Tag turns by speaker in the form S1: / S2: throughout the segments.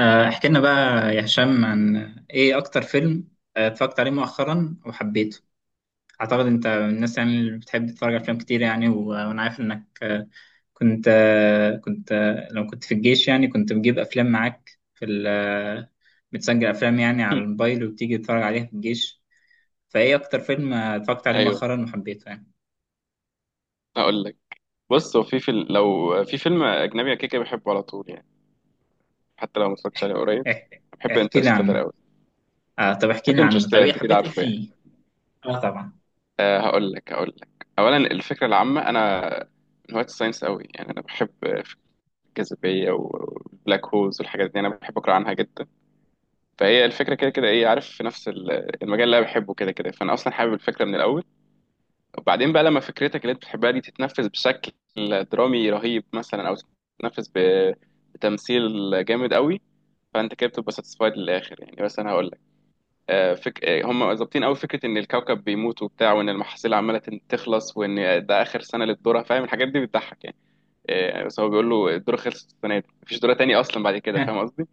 S1: احكي لنا بقى يا هشام عن ايه اكتر فيلم اتفرجت عليه مؤخرا وحبيته. اعتقد انت من الناس، يعني اللي بتحب تتفرج على افلام كتير، يعني و- وانا عارف انك، آه، كنت آه، كنت آه، لو كنت في الجيش، يعني كنت بتجيب افلام معاك في ال آه، بتسجل افلام، يعني على
S2: هم،
S1: الموبايل وبتيجي تتفرج عليها في الجيش. فايه اكتر فيلم اتفرجت عليه
S2: ايوه،
S1: مؤخرا وحبيته يعني؟
S2: هقول لك. بص، هو في فيلم، لو في فيلم اجنبي أنا كده كده بحبه على طول يعني، حتى لو ما اتفرجتش عليه قريب.
S1: احكي
S2: بحب
S1: احكي لي
S2: انترستيلر
S1: عنه.
S2: قوي.
S1: طب احكي
S2: بحب
S1: لي عنه. طب
S2: انترستيلر،
S1: ايه
S2: انت كده
S1: حبيت ايه
S2: عارفه يعني.
S1: فيه؟ اه طبعا.
S2: أه هقول لك، اولا الفكره العامه، انا من هواة الساينس قوي يعني، انا بحب فكرة الجاذبيه والبلاك هولز والحاجات دي، انا بحب اقرا عنها جدا. فهي الفكره كده كده، ايه، عارف، في نفس المجال اللي انا بحبه كده كده، فانا اصلا حابب الفكره من الاول. وبعدين بقى لما فكرتك اللي انت بتحبها دي تتنفذ بشكل درامي رهيب مثلا، او تتنفذ بتمثيل جامد قوي، فانت كده بتبقى ساتسفايد للاخر يعني. بس انا هقول لك، آه، فك... آه، هم ظابطين قوي فكره ان الكوكب بيموت وبتاع، وان المحاصيل عماله تخلص، وان ده اخر سنه للذره، فاهم؟ الحاجات دي بتضحك يعني. بس هو بيقول له الذره خلصت السنه دي، مفيش ذره تاني اصلا بعد كده، فاهم قصدي؟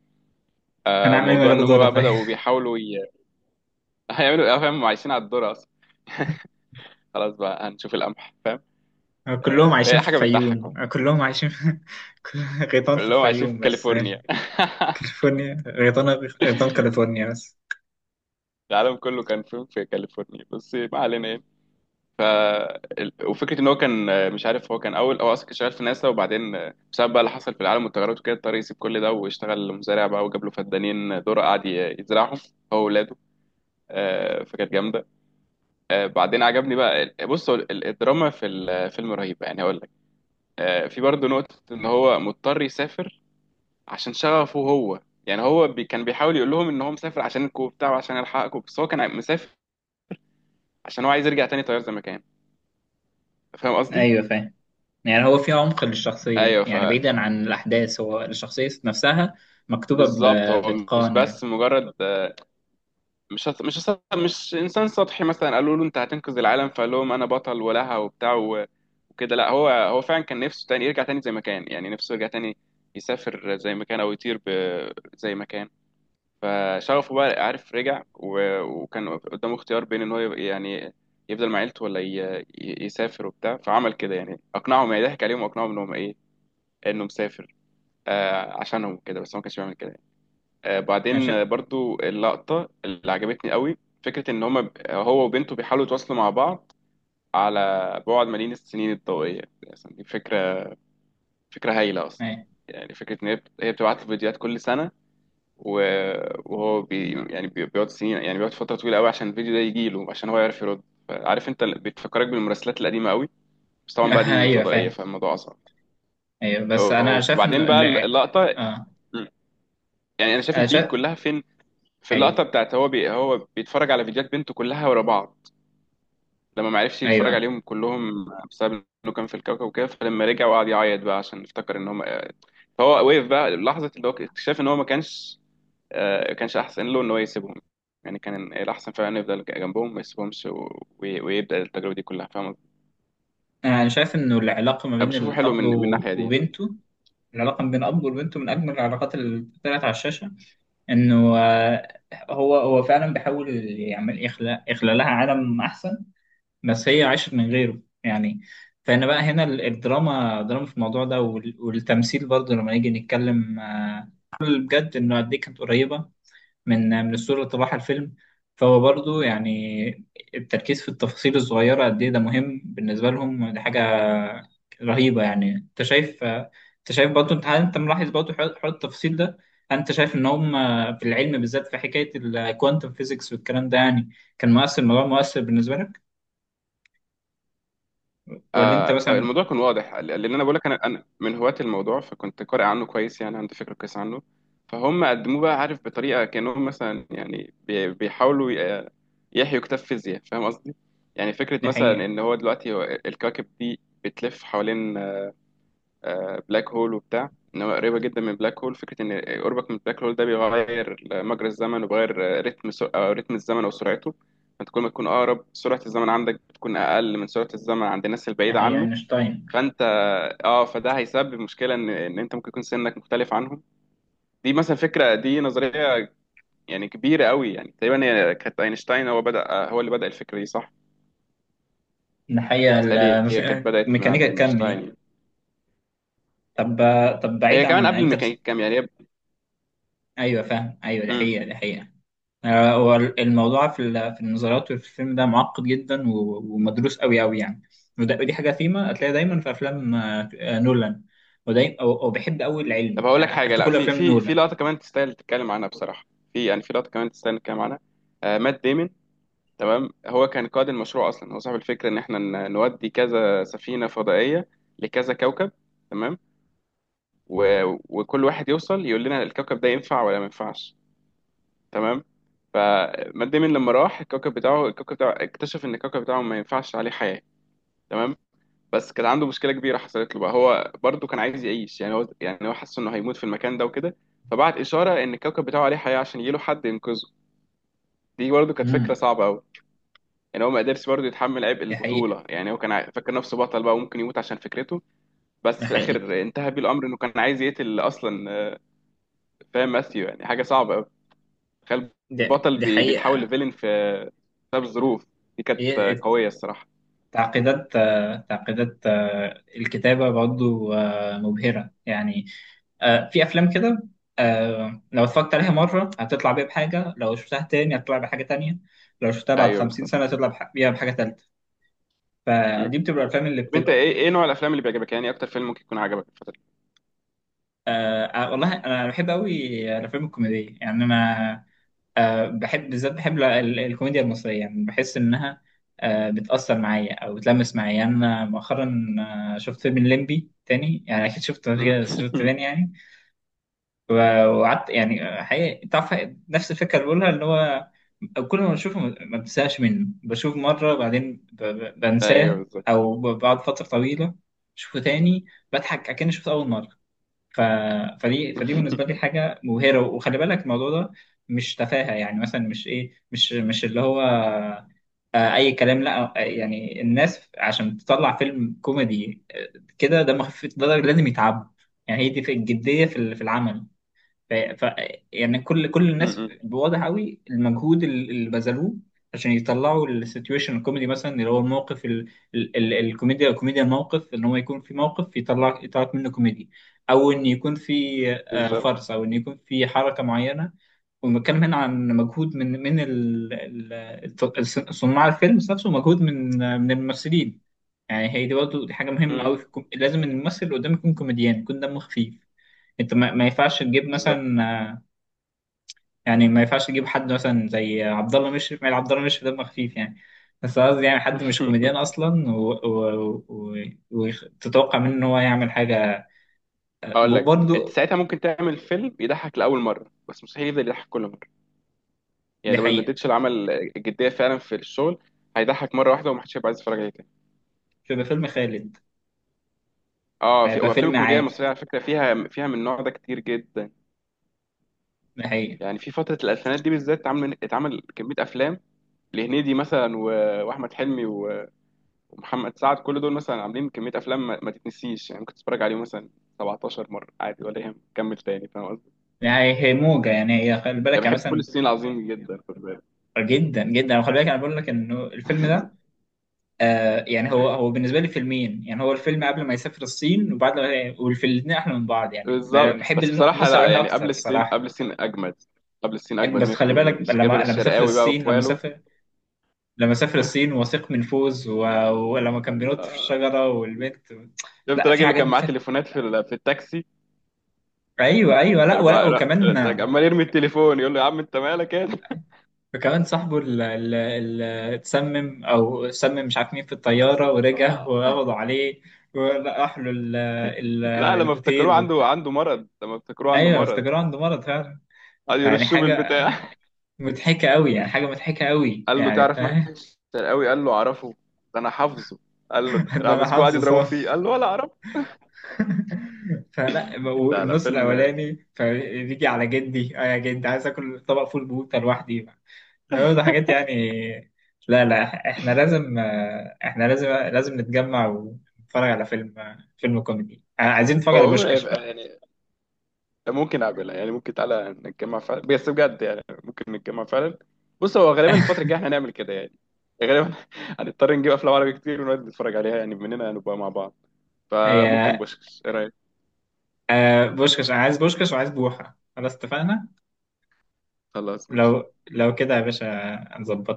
S1: هنعمل ايه من
S2: موضوع
S1: غير
S2: ان هم
S1: دورة
S2: بقى
S1: طيب؟
S2: بداوا هيعملوا، فاهم، هم عايشين على الذره اصلا، خلاص بقى هنشوف القمح، فاهم؟
S1: كلهم عايشين
S2: هي
S1: في
S2: حاجه بتضحك.
S1: الفيوم، كلهم عايشين في كل- غيطان في
S2: كلهم عايشين في
S1: الفيوم بس.
S2: كاليفورنيا.
S1: كاليفورنيا غيطان. غيطان كاليفورنيا بس.
S2: العالم كله كان فيلم في كاليفورنيا بس، ما علينا يعني. ف وفكره ان هو كان، مش عارف، هو كان اول، هو اصلا كان شغال في ناسا، وبعدين بسبب بقى اللي حصل في العالم والتغيرات وكده، اضطر يسيب كل ده واشتغل مزارع بقى، وجاب له فدانين ذره قعد يزرعهم هو واولاده. فكانت جامده. بعدين عجبني بقى بص، هو الدراما في الفيلم رهيبه يعني، هقول لك. في برضه نقطه ان هو مضطر يسافر عشان شغفه هو يعني. هو بي كان بيحاول يقول لهم ان هو مسافر عشان الكو بتاعه وعشان يلحقكم، بس هو كان مسافر عشان هو عايز يرجع تاني طيار زي ما كان، فاهم قصدي؟
S1: ايوه فاهم. يعني هو في عمق للشخصية،
S2: ايوه،
S1: يعني بعيدا عن الأحداث، هو الشخصية نفسها مكتوبة
S2: بالظبط. هو
S1: ب-
S2: مش
S1: بإتقان
S2: بس
S1: يعني.
S2: مجرد، مش انسان سطحي مثلا قالوا له انت هتنقذ العالم فقال لهم انا بطل ولها وبتاع وكده، لا، هو فعلا كان نفسه تاني يرجع تاني زي ما كان يعني، نفسه يرجع تاني يسافر زي ما كان، او يطير زي ما كان. فشغفه بقى، عارف، رجع وكان قدامه اختيار بين ان هو يعني يفضل مع عيلته ولا يسافر وبتاع، فعمل كده يعني، اقنعهم يعني، ضحك عليهم واقنعهم ان هم ايه، انه مسافر آه عشانهم كده، بس هو ما كانش بيعمل كده يعني. آه،
S1: أنا
S2: بعدين
S1: شا...
S2: برضو اللقطة اللي عجبتني قوي، فكرة ان هم هو وبنته بيحاولوا يتواصلوا مع بعض على بعد ملايين السنين الضوئية، يعني دي فكرة، فكرة هايلة اصلا.
S1: أيوة.
S2: يعني فكرة ان هي بتبعت له فيديوهات كل سنة، و- وهو بي يعني، بيقعد سنين يعني، بيقعد فترة طويلة قوي عشان الفيديو ده يجي له عشان هو يعرف يرد. عارف انت، بتفكرك بالمراسلات القديمة قوي، بس طبعا بقى دي
S1: أيوه
S2: فضائية
S1: فاهم.
S2: فالموضوع أصعب.
S1: أيوه بس أنا شايف
S2: وبعدين
S1: إنه
S2: بقى اللقطة،
S1: آه
S2: يعني أنا شايف
S1: أنا
S2: البيك
S1: شايف.
S2: كلها فين، في
S1: أيوه
S2: اللقطة بتاعت هو بيتفرج على فيديوهات بنته كلها ورا بعض لما ما عرفش يتفرج
S1: أيوه،
S2: عليهم كلهم بسبب انه كان في الكوكب وكده، فلما رجع وقعد يعيط بقى عشان افتكر ان هم. فهو وقف بقى لحظة، اللي هو اكتشاف ان هو ما كانش، كانش احسن له ان هو يسيبهم يعني، كان الاحسن فعلا يفضل جنبهم ما يسيبهمش ويبدا التجربه دي كلها، فاهم قصدي؟
S1: أنا شايف إنه العلاقة ما
S2: انا
S1: بين
S2: بشوفه حلو
S1: الأب
S2: من
S1: و-
S2: الناحيه دي.
S1: وبنته. العلاقة ما بين الأب وبنته من أجمل العلاقات اللي طلعت على الشاشة. انه هو فعلا بيحاول يخلق لها عالم احسن، بس هي عاشت من غيره يعني. فانا بقى هنا الدراما، دراما في الموضوع ده وال- والتمثيل برضه لما نيجي نتكلم، بجد انه قد ايه كانت قريبه من الصورة اللي طبعها الفيلم. فهو برضو يعني التركيز في التفاصيل الصغيرة قد إيه ده مهم بالنسبة لهم، دي حاجة رهيبة يعني. أنت شايف برضو، هل أنت ملاحظ برضو حوار التفاصيل ده؟ هل أنت شايف إن هم في العلم بالذات، في حكاية الكوانتم فيزيكس والكلام ده، يعني كان مؤثر؟ الموضوع مؤثر بالنسبة لك ولا أنت
S2: آه،
S1: مثلا؟
S2: الموضوع كان واضح، لان انا بقول لك، أنا من هواة الموضوع، فكنت قارئ عنه كويس يعني، عندي فكره كويس عنه. فهم قدموه بقى، عارف، بطريقه كانهم مثلا يعني يحيوا كتاب فيزياء، فاهم قصدي؟ يعني فكره مثلا
S1: ناحية
S2: ان هو دلوقتي، هو الكواكب دي بتلف حوالين بلاك هول وبتاع، ان هو قريبه جدا من بلاك هول، فكره ان قربك من بلاك هول ده بيغير مجرى الزمن، وبيغير رتم سو... أو رتم الزمن او سرعته. فانت كل ما تكون اقرب، سرعه الزمن عندك بتكون اقل من سرعه الزمن عند الناس البعيده
S1: ناحية
S2: عنه.
S1: أينشتاين،
S2: فانت اه، فده هيسبب مشكله ان انت ممكن يكون سنك مختلف عنهم. دي مثلا فكره، دي نظريه يعني كبيره قوي يعني، تقريبا هي كانت اينشتاين، هو بدا، هو اللي بدا الفكره دي صح؟
S1: ناحية
S2: بالتالي هي كانت بدات من
S1: الميكانيكا
S2: عند
S1: الكم
S2: اينشتاين
S1: دي؟
S2: يعني.
S1: طب بعيد
S2: هي كمان
S1: عن
S2: قبل الميكانيكا
S1: انترست.
S2: الكم يعني
S1: ايوه فاهم، ايوه دي
S2: مم.
S1: حقيقه، دي حقيقه. هو الموضوع في في النظريات وفي الفيلم ده معقد جدا و- ومدروس قوي قوي يعني. وده- ودي حاجه فيما هتلاقيها دايما في افلام نولان، ودايما وبحب قوي
S2: طب
S1: العلم
S2: هقول لك
S1: يعني
S2: حاجه،
S1: حتى
S2: لا،
S1: كل
S2: في
S1: افلام
S2: في
S1: نولان.
S2: لقطه كمان تستاهل تتكلم عنها بصراحه، في يعني في لقطه كمان تستاهل نتكلم عنها. آه مات ديمن، تمام، هو كان قائد المشروع اصلا، هو صاحب الفكره ان احنا نودي كذا سفينه فضائيه لكذا كوكب، تمام، و... وكل واحد يوصل يقول لنا الكوكب ده ينفع ولا ما ينفعش، تمام. فمات ديمن لما راح الكوكب بتاعه، الكوكب بتاعه اكتشف ان الكوكب بتاعه ما ينفعش عليه حياه، تمام، بس كان عنده مشكله كبيره حصلت له بقى، هو برضه كان عايز يعيش يعني، هو حس انه هيموت في المكان ده وكده، فبعت اشاره ان الكوكب بتاعه عليه حياه عشان يجيله حد ينقذه. دي برضه كانت فكره
S1: امم.
S2: صعبه قوي يعني، هو ما قدرش برضه يتحمل عبء
S1: دي حقيقه،
S2: البطوله يعني، هو فاكر نفسه بطل بقى وممكن يموت عشان فكرته. بس
S1: دي
S2: في
S1: حقيقه.
S2: الاخر انتهى بيه الامر انه كان عايز يقتل اصلا، فاهم ماثيو؟ يعني حاجه صعبه قوي، تخيل،
S1: دي,
S2: بطل
S1: دي
S2: بيتحول
S1: حقيقه.
S2: لفيلن في، بسبب الظروف. دي كانت
S1: هي
S2: قويه الصراحه.
S1: تعقيدات الكتابه برضه مبهره يعني. في افلام كده، لو اتفرجت عليها مره هتطلع بيها بحاجه، لو شفتها تاني هتطلع بحاجه تانية، لو شفتها بعد
S2: ايوه
S1: 50
S2: بالظبط.
S1: سنه هتطلع بيها بحاجه تالتة.
S2: مم.
S1: فدي بتبقى الافلام اللي
S2: طب انت
S1: بتبقى.
S2: ايه، ايه نوع الافلام اللي بيعجبك يعني، اكتر فيلم ممكن يكون عجبك الفتره؟
S1: والله انا بحب قوي الافلام الكوميديه، يعني انا بحب بالذات، بحب الكوميديا المصريه، يعني بحس انها بتاثر معايا او بتلمس معايا يعني. انا مؤخرا شفت فيلم الليمبي تاني، يعني اكيد
S2: مم.
S1: شفته، شفت تاني يعني و- وقعدت، يعني حقيقي، تعرف، نفس الفكره اللي بقولها، اللي هو كل ما بشوفه ما بنساش منه، بشوف مره بعدين
S2: ايوه
S1: بنساه،
S2: بالظبط.
S1: او بعد فتره طويله بشوفه تاني، بضحك اكني شفته اول مره. ف... فدي بالنسبه لي حاجه مبهره. وخلي بالك الموضوع ده مش تفاهه، يعني مثلا مش ايه، مش اللي هو اي كلام، لا يعني الناس عشان تطلع فيلم كوميدي كده دمه خفيف، ده لازم يتعب. يعني هي دي في الجديه، في العمل. ف... ف... يعني كل الناس
S2: مم.
S1: بواضح قوي المجهود اللي بذلوه عشان يطلعوا السيتويشن الكوميدي، مثلا اللي هو الموقف كوميديا الموقف، ان هو يكون في موقف يطلع منه كوميدي، او ان يكون في
S2: بالظبط.
S1: فرص، او ان يكون في حركة معينة. ونتكلم هنا عن مجهود من صناع الفيلم نفسه، ومجهود من من الممثلين. يعني هي دي برضه، دي حاجة مهمة
S2: مم.
S1: قوي في لازم الممثل اللي قدامك يكون كوميديان، يكون دمه خفيف. انت ما ينفعش تجيب
S2: بالظبط.
S1: مثلا يعني ما ينفعش تجيب حد مثلا زي عبد الله مشرف، ما عبد الله مشرف دمه خفيف يعني، بس قصدي يعني حد مش كوميديان اصلا وتتوقع، و... و... و... وتتوقع منه ان هو يعمل حاجه.
S2: هقول لك، انت
S1: وبرضه
S2: ساعتها ممكن تعمل فيلم يضحك لاول مره، بس مستحيل يفضل يضحك كل مره. يعني
S1: دي
S2: لو ما
S1: حقيقه.
S2: اديتش العمل الجديه فعلا في الشغل، هيضحك مره واحده ومحدش هيبقى عايز يتفرج عليه تاني.
S1: مش هيبقى فيلم خالد،
S2: اه، في
S1: هيبقى
S2: وافلام
S1: فيلم
S2: الكوميديا
S1: عادي.
S2: المصريه على فكره، فيها من النوع ده كتير جدا.
S1: دي حقيقه.
S2: يعني في فتره الالفينات دي بالذات، اتعمل كميه افلام لهنيدي مثلا، واحمد حلمي ومحمد سعد. كل دول مثلا عاملين كمية أفلام ما تتنسيش يعني، ممكن تتفرج عليهم مثلا 17 مرة عادي ولا يهم، كمل تاني، فاهم قصدي؟
S1: يعني هي موجه، يعني هي خلي بالك،
S2: يعني
S1: يعني
S2: بحب كل
S1: مثلا
S2: السنين، العظيم جدا، خد بالك.
S1: جدا جدا. خلي بالك انا بقول لك انه الفيلم ده، يعني هو بالنسبه لي فيلمين، يعني هو الفيلم قبل ما يسافر الصين وبعد ما، والفيلم الاثنين احلى من بعض يعني،
S2: بالظبط.
S1: بحب
S2: بس بصراحة
S1: النص
S2: لا
S1: الاولاني
S2: يعني،
S1: اكتر
S2: قبل السين،
S1: الصراحه.
S2: أجمد. قبل السين أجمد
S1: بس خلي بالك
S2: 100%. جابر
S1: لما سافر
S2: الشرقاوي بقى
S1: الصين،
S2: وإخواله.
S1: لما سافر الصين واثق من فوز ولما كان بينط في
S2: آه،
S1: الشجرة والبنت
S2: شفت
S1: لا، في
S2: الراجل اللي
S1: حاجات
S2: كان معاه تليفونات في في التاكسي؟
S1: ايوه ايوه، لا
S2: كان
S1: ولا،
S2: بقى لا-
S1: وكمان.
S2: لا، عمال يرمي التليفون يقول له يا عم أنت مالك يا.
S1: وكمان صاحبه اللي اتسمم او سمم، مش عارف مين في الطيارة
S2: أيوة.
S1: ورجع
S2: آه.
S1: وقبضوا عليه، وراح له ال...
S2: لا، لما افتكروه
S1: الهوتيل وبتاع.
S2: عنده مرض، لما افتكروه عنده
S1: ايوه
S2: مرض،
S1: افتكروا عنده مرض فعلا.
S2: قعدوا
S1: يعني
S2: يرشوه
S1: حاجة
S2: بالبتاع.
S1: مضحكة قوي، يعني حاجة مضحكة قوي
S2: قال له
S1: يعني،
S2: تعرف
S1: فاهم.
S2: محمد الشرقاوي؟ قال له اعرفه، ده انا حافظه. قال له راح
S1: ده انا
S2: مسكوه قعد
S1: حافظه
S2: يضربوا
S1: صح.
S2: فيه، قال له ولا اعرف.
S1: فلا،
S2: لا
S1: النص
S2: فيلم.
S1: الاولاني، فبيجي على جدي: اه يا جدي عايز اكل طبق فول بوته لوحدي. ده حاجات يعني. لا لا، احنا لازم لازم نتجمع ونتفرج على فيلم فيلم كوميدي، عايزين نتفرج
S2: هو
S1: على
S2: عمره
S1: بوشكاش بقى.
S2: يعني ممكن اقابلها يعني، ممكن تعالى نتجمع فعلا، بس بجد يعني ممكن نتجمع فعلا. بص هو غالبا الفترة الجاية احنا هنعمل كده يعني، غالبا هنضطر نجيب افلام عربي كتير ونقعد نتفرج عليها يعني، مننا هنبقى مع بعض. فممكن
S1: يا
S2: بوشكش، ايه رايك؟
S1: بوشكاش، انا عايز بوشكاش وعايز بوحة، خلاص اتفقنا.
S2: خلاص ماشي.
S1: لو كده يا باشا، هنظبطها.